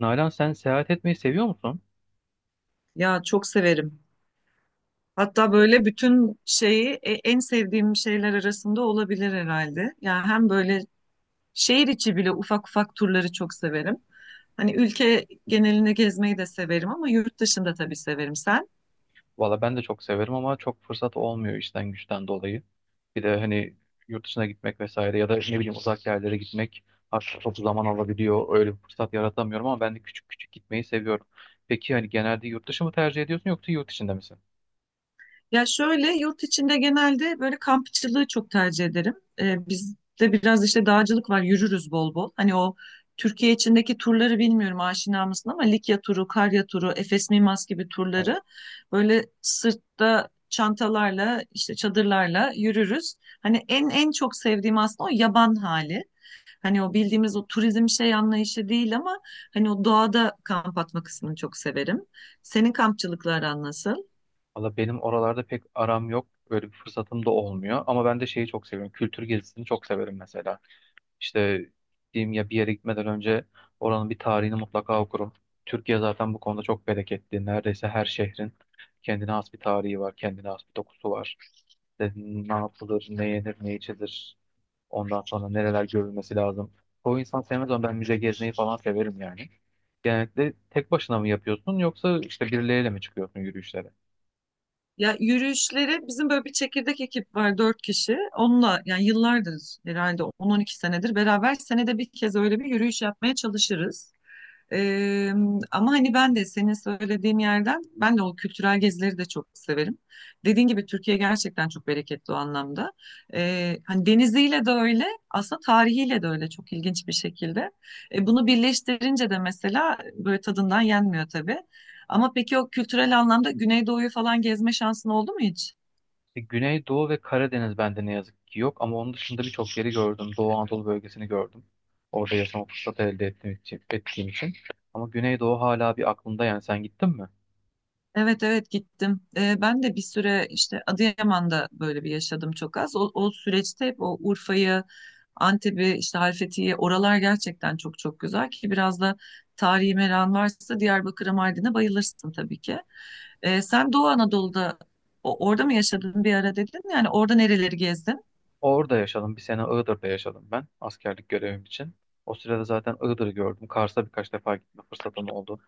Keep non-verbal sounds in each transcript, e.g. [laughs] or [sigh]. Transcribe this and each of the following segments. Nalan, sen seyahat etmeyi seviyor musun? Ya çok severim. Hatta böyle bütün şeyi en sevdiğim şeyler arasında olabilir herhalde. Yani hem böyle şehir içi bile ufak ufak turları çok severim. Hani ülke genelinde gezmeyi de severim ama yurt dışında tabii severim. Sen? Valla ben de çok severim ama çok fırsat olmuyor işten güçten dolayı. Bir de hani yurt dışına gitmek vesaire ya da ne bileyim uzak yerlere gitmek artık çok zaman alabiliyor. Öyle bir fırsat yaratamıyorum ama ben de küçük küçük gitmeyi seviyorum. Peki hani genelde yurt dışı mı tercih ediyorsun yoksa yurt içinde misin? Ya şöyle yurt içinde genelde böyle kampçılığı çok tercih ederim. Bizde biraz işte dağcılık var, yürürüz bol bol. Hani o Türkiye içindeki turları bilmiyorum aşina mısın ama Likya turu, Karya turu, Efes Mimas gibi Evet. turları böyle sırtta çantalarla işte çadırlarla yürürüz. Hani en çok sevdiğim aslında o yaban hali. Hani o bildiğimiz o turizm şey anlayışı değil ama hani o doğada kamp atma kısmını çok severim. Senin kampçılıkla aran nasıl? Valla benim oralarda pek aram yok. Böyle bir fırsatım da olmuyor. Ama ben de şeyi çok seviyorum. Kültür gezisini çok severim mesela. İşte diyeyim ya, bir yere gitmeden önce oranın bir tarihini mutlaka okurum. Türkiye zaten bu konuda çok bereketli. Neredeyse her şehrin kendine has bir tarihi var, kendine has bir dokusu var. İşte ne yapılır, ne yenir, ne içilir. Ondan sonra nereler görülmesi lazım. O insan sevmez ama ben müze gezmeyi falan severim yani. Genellikle tek başına mı yapıyorsun yoksa işte birileriyle mi çıkıyorsun yürüyüşlere? Ya yürüyüşleri bizim böyle bir çekirdek ekip var dört kişi. Onunla yani yıllardır herhalde 10 12 senedir beraber senede bir kez öyle bir yürüyüş yapmaya çalışırız. Ee, Ama hani ben de senin söylediğin yerden ben de o kültürel gezileri de çok severim. Dediğin gibi Türkiye gerçekten çok bereketli o anlamda. Hani deniziyle de öyle, aslında tarihiyle de öyle çok ilginç bir şekilde. Bunu birleştirince de mesela böyle tadından yenmiyor tabii. Ama peki o kültürel anlamda Güneydoğu'yu falan gezme şansın oldu mu hiç? Güneydoğu ve Karadeniz bende ne yazık ki yok ama onun dışında birçok yeri gördüm. Doğu Anadolu bölgesini gördüm. Orada yaşama fırsatı elde ettiğim için. Ama Güneydoğu hala bir aklımda, yani sen gittin mi? Evet, evet, gittim. Ben de bir süre işte Adıyaman'da böyle bir yaşadım çok az. O süreçte hep o Urfa'yı, Antep'i, işte Halfeti'yi oralar gerçekten çok çok güzel ki biraz da tarihi meran varsa Diyarbakır'a, Mardin'e bayılırsın tabii ki. Sen Doğu Anadolu'da orada mı yaşadın bir ara dedin? Yani orada nereleri gezdin? Orada yaşadım. Bir sene Iğdır'da yaşadım ben askerlik görevim için. O sırada zaten Iğdır'ı gördüm. Kars'a birkaç defa gitme fırsatım oldu.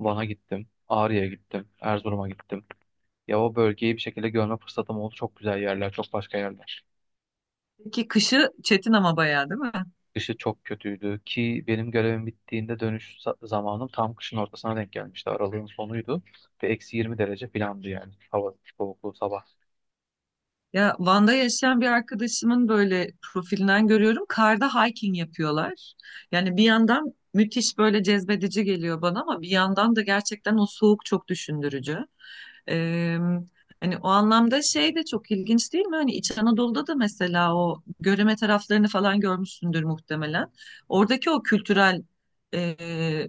Van'a gittim. Ağrı'ya gittim. Erzurum'a gittim. Ya o bölgeyi bir şekilde görme fırsatım oldu. Çok güzel yerler, çok başka yerler. Ki kışı çetin ama bayağı değil mi? Dışı çok kötüydü ki benim görevim bittiğinde dönüş zamanım tam kışın ortasına denk gelmişti. Aralığın sonuydu ve eksi 20 derece filandı yani hava soğukluğu sabah. Ya Van'da yaşayan bir arkadaşımın böyle profilinden görüyorum. Karda hiking yapıyorlar. Yani bir yandan müthiş böyle cezbedici geliyor bana ama bir yandan da gerçekten o soğuk çok düşündürücü. Ee, Hani o anlamda şey de çok ilginç değil mi? Hani İç Anadolu'da da mesela o Göreme taraflarını falan görmüşsündür muhtemelen. Oradaki o kültürel e,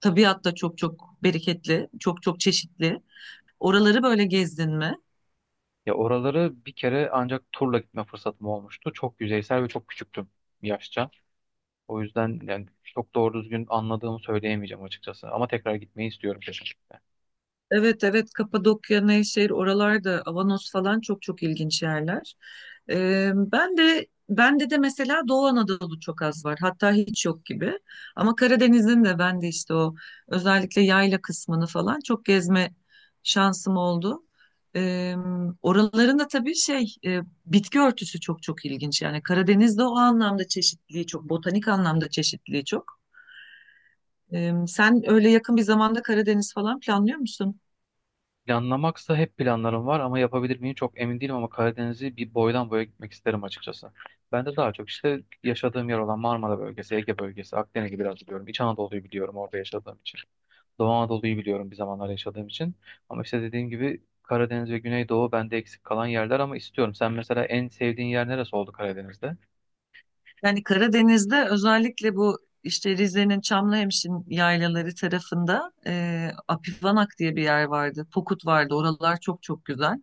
tabiat da çok çok bereketli, çok çok çeşitli. Oraları böyle gezdin mi? Ya oraları bir kere ancak turla gitme fırsatım olmuştu. Çok yüzeysel ve çok küçüktüm yaşça. O yüzden yani çok doğru düzgün anladığımı söyleyemeyeceğim açıkçası. Ama tekrar gitmeyi istiyorum kesinlikle. Evet, evet, Kapadokya, Nevşehir oralarda Avanos falan çok çok ilginç yerler. Ben de bende de mesela Doğu Anadolu çok az var. Hatta hiç yok gibi. Ama Karadeniz'in de ben de işte o özellikle yayla kısmını falan çok gezme şansım oldu. Ee, Oraların da tabii bitki örtüsü çok çok ilginç. Yani Karadeniz'de o anlamda çeşitliliği çok, botanik anlamda çeşitliliği çok. Sen öyle yakın bir zamanda Karadeniz falan planlıyor musun? Planlamaksa hep planlarım var ama yapabilir miyim çok emin değilim, ama Karadeniz'i bir boydan boya gitmek isterim açıkçası. Ben de daha çok işte yaşadığım yer olan Marmara bölgesi, Ege bölgesi, Akdeniz'i biraz biliyorum. İç Anadolu'yu biliyorum orada yaşadığım için. Doğu Anadolu'yu biliyorum bir zamanlar yaşadığım için. Ama işte dediğim gibi Karadeniz ve Güneydoğu bende eksik kalan yerler ama istiyorum. Sen mesela en sevdiğin yer neresi oldu Karadeniz'de? Yani Karadeniz'de özellikle bu işte Rize'nin Çamlıhemşin yaylaları tarafında Apivanak diye bir yer vardı. Pokut vardı. Oralar çok çok güzel.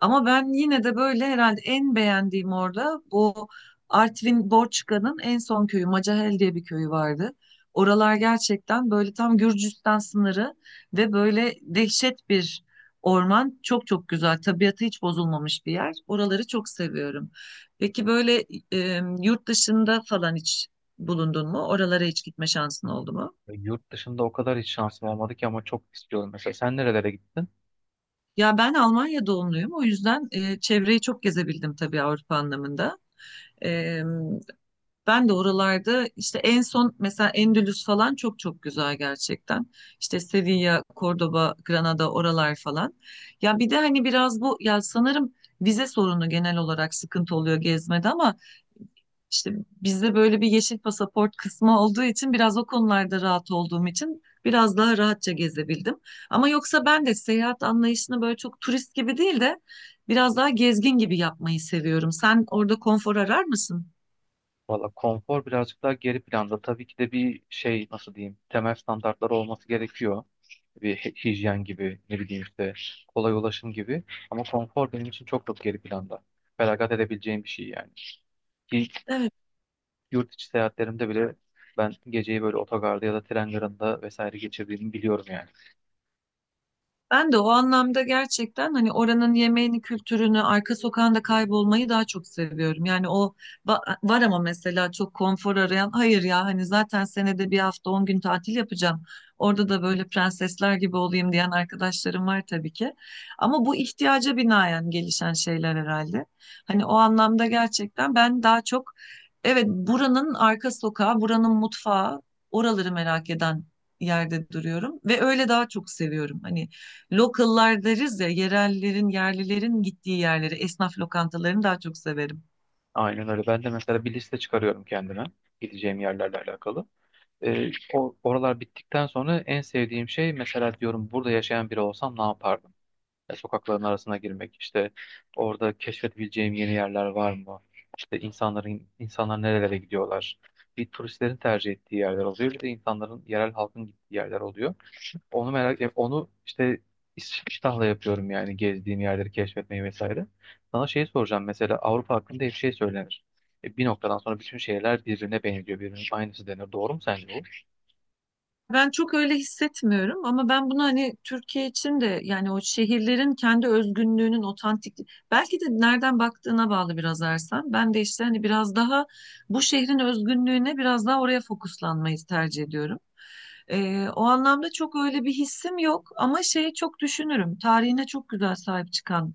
Ama ben yine de böyle herhalde en beğendiğim orada bu Artvin Borçka'nın en son köyü Macahel diye bir köyü vardı. Oralar gerçekten böyle tam Gürcistan sınırı ve böyle dehşet bir orman. Çok çok güzel. Tabiatı hiç bozulmamış bir yer. Oraları çok seviyorum. Peki böyle yurt dışında falan hiç bulundun mu? Oralara hiç gitme şansın oldu mu? Yurt dışında o kadar hiç şansım olmadı ki ama çok istiyorum. Mesela sen nerelere gittin? Ya ben Almanya doğumluyum. O yüzden çevreyi çok gezebildim tabii Avrupa anlamında. E, Ben de oralarda işte en son mesela Endülüs falan çok çok güzel gerçekten. İşte Sevilla, Cordoba, Granada oralar falan. Ya bir de hani biraz bu ya sanırım vize sorunu genel olarak sıkıntı oluyor gezmede ama İşte bizde böyle bir yeşil pasaport kısmı olduğu için biraz o konularda rahat olduğum için biraz daha rahatça gezebildim. Ama yoksa ben de seyahat anlayışını böyle çok turist gibi değil de biraz daha gezgin gibi yapmayı seviyorum. Sen orada konfor arar mısın? Valla konfor birazcık daha geri planda. Tabii ki de bir şey nasıl diyeyim, temel standartlar olması gerekiyor. Bir hijyen gibi, ne bileyim işte kolay ulaşım gibi. Ama konfor benim için çok çok geri planda. Feragat edebileceğim bir şey yani. İlk Evet. yurt içi seyahatlerimde bile ben geceyi böyle otogarda ya da tren garında vesaire geçirdiğimi biliyorum yani. Ben de o anlamda gerçekten hani oranın yemeğini, kültürünü, arka sokağında kaybolmayı daha çok seviyorum. Yani o var ama mesela çok konfor arayan, hayır ya hani zaten senede bir hafta 10 gün tatil yapacağım. Orada da böyle prensesler gibi olayım diyen arkadaşlarım var tabii ki. Ama bu ihtiyaca binaen gelişen şeyler herhalde. Hani o anlamda gerçekten ben daha çok evet buranın arka sokağı, buranın mutfağı, oraları merak eden yerde duruyorum ve öyle daha çok seviyorum. Hani Local'lar deriz ya, yerellerin, yerlilerin gittiği yerleri, esnaf lokantalarını daha çok severim. Aynen öyle. Ben de mesela bir liste çıkarıyorum kendime gideceğim yerlerle alakalı. Oralar bittikten sonra en sevdiğim şey mesela, diyorum burada yaşayan biri olsam ne yapardım? Ya sokakların arasına girmek, işte orada keşfedebileceğim yeni yerler var mı? İşte insanlar nerelere gidiyorlar? Bir turistlerin tercih ettiği yerler oluyor, bir de insanların, yerel halkın gittiği yerler oluyor. Onu merak, onu işte iştahla yapıyorum yani, gezdiğim yerleri keşfetmeyi vesaire. Sana şey soracağım, mesela Avrupa hakkında hep şey söylenir. Bir noktadan sonra bütün şehirler birbirine benziyor, birbirinin aynısı denir. Doğru mu sence bu? Ben çok öyle hissetmiyorum ama ben bunu hani Türkiye için de yani o şehirlerin kendi özgünlüğünün otantik belki de nereden baktığına bağlı biraz Ersen. Ben de işte hani biraz daha bu şehrin özgünlüğüne biraz daha oraya fokuslanmayı tercih ediyorum. O anlamda çok öyle bir hissim yok ama şeyi çok düşünürüm. Tarihine çok güzel sahip çıkan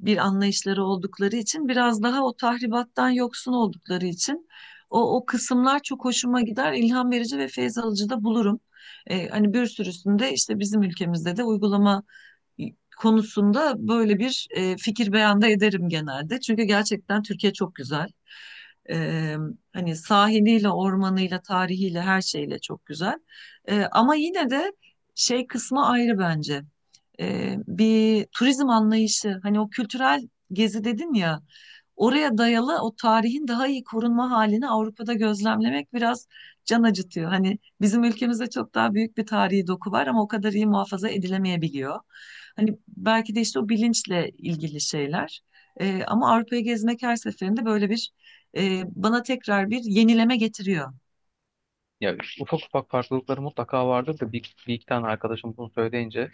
bir anlayışları oldukları için biraz daha o tahribattan yoksun oldukları için o kısımlar çok hoşuma gider. İlham verici ve feyz alıcı da bulurum. Hani bir sürüsünde işte bizim ülkemizde de uygulama konusunda böyle bir fikir beyanda ederim genelde. Çünkü gerçekten Türkiye çok güzel. E, Hani sahiliyle, ormanıyla, tarihiyle, her şeyle çok güzel. Ama yine de şey kısmı ayrı bence. Bir turizm anlayışı, hani o kültürel gezi dedin ya, oraya dayalı o tarihin daha iyi korunma halini Avrupa'da gözlemlemek biraz can acıtıyor. Hani bizim ülkemizde çok daha büyük bir tarihi doku var ama o kadar iyi muhafaza edilemeyebiliyor. Hani belki de işte o bilinçle ilgili şeyler. Ama Avrupa'yı gezmek her seferinde böyle bir bana tekrar bir yenileme getiriyor. Ya ufak ufak farklılıkları mutlaka vardır da bir iki tane arkadaşım bunu söyleyince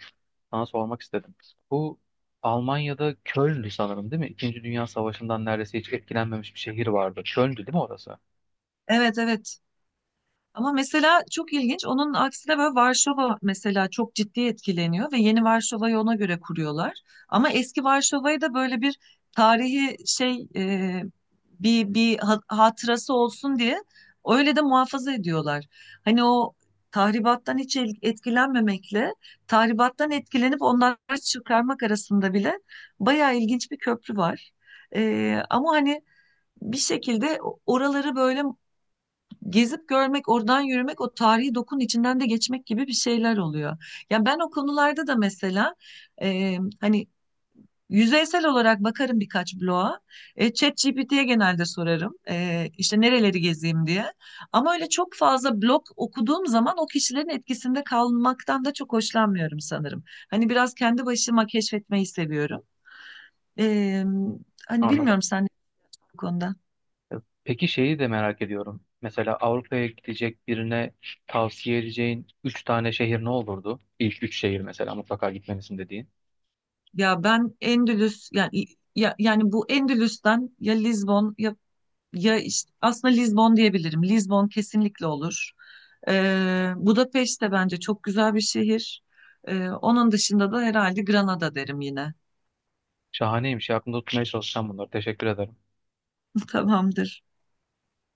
sana sormak istedim. Bu Almanya'da Köln'dü sanırım, değil mi? İkinci Dünya Savaşı'ndan neredeyse hiç etkilenmemiş bir şehir vardı. Köln'dü değil mi orası? Evet, evet. Ama mesela çok ilginç. Onun aksine böyle Varşova mesela çok ciddi etkileniyor ve yeni Varşova'yı ona göre kuruyorlar. Ama eski Varşova'yı da böyle bir tarihi bir hatırası olsun diye öyle de muhafaza ediyorlar. Hani o tahribattan hiç etkilenmemekle tahribattan etkilenip onları çıkarmak arasında bile bayağı ilginç bir köprü var. Ama hani bir şekilde oraları böyle gezip görmek, oradan yürümek, o tarihi dokunun içinden de geçmek gibi bir şeyler oluyor. Yani ben o konularda da mesela hani yüzeysel olarak bakarım birkaç bloğa. ChatGPT'ye genelde sorarım. İşte nereleri gezeyim diye. Ama öyle çok fazla blog okuduğum zaman o kişilerin etkisinde kalmaktan da çok hoşlanmıyorum sanırım. Hani biraz kendi başıma keşfetmeyi seviyorum. E, Hani Anladım. bilmiyorum sen ne bu konuda. E, Peki şeyi de merak ediyorum. Mesela Avrupa'ya gidecek birine tavsiye edeceğin üç tane şehir ne olurdu? İlk üç şehir mesela mutlaka gitmelisin dediğin. Ya ben Endülüs yani ya, yani bu Endülüs'ten ya Lizbon ya ya işte aslında Lizbon diyebilirim. Lizbon kesinlikle olur. Budapeşte de bence çok güzel bir şehir. Onun dışında da herhalde Granada derim yine. Şahaneymiş. Aklımda tutmaya çalışacağım bunları. Teşekkür ederim. [laughs] Tamamdır.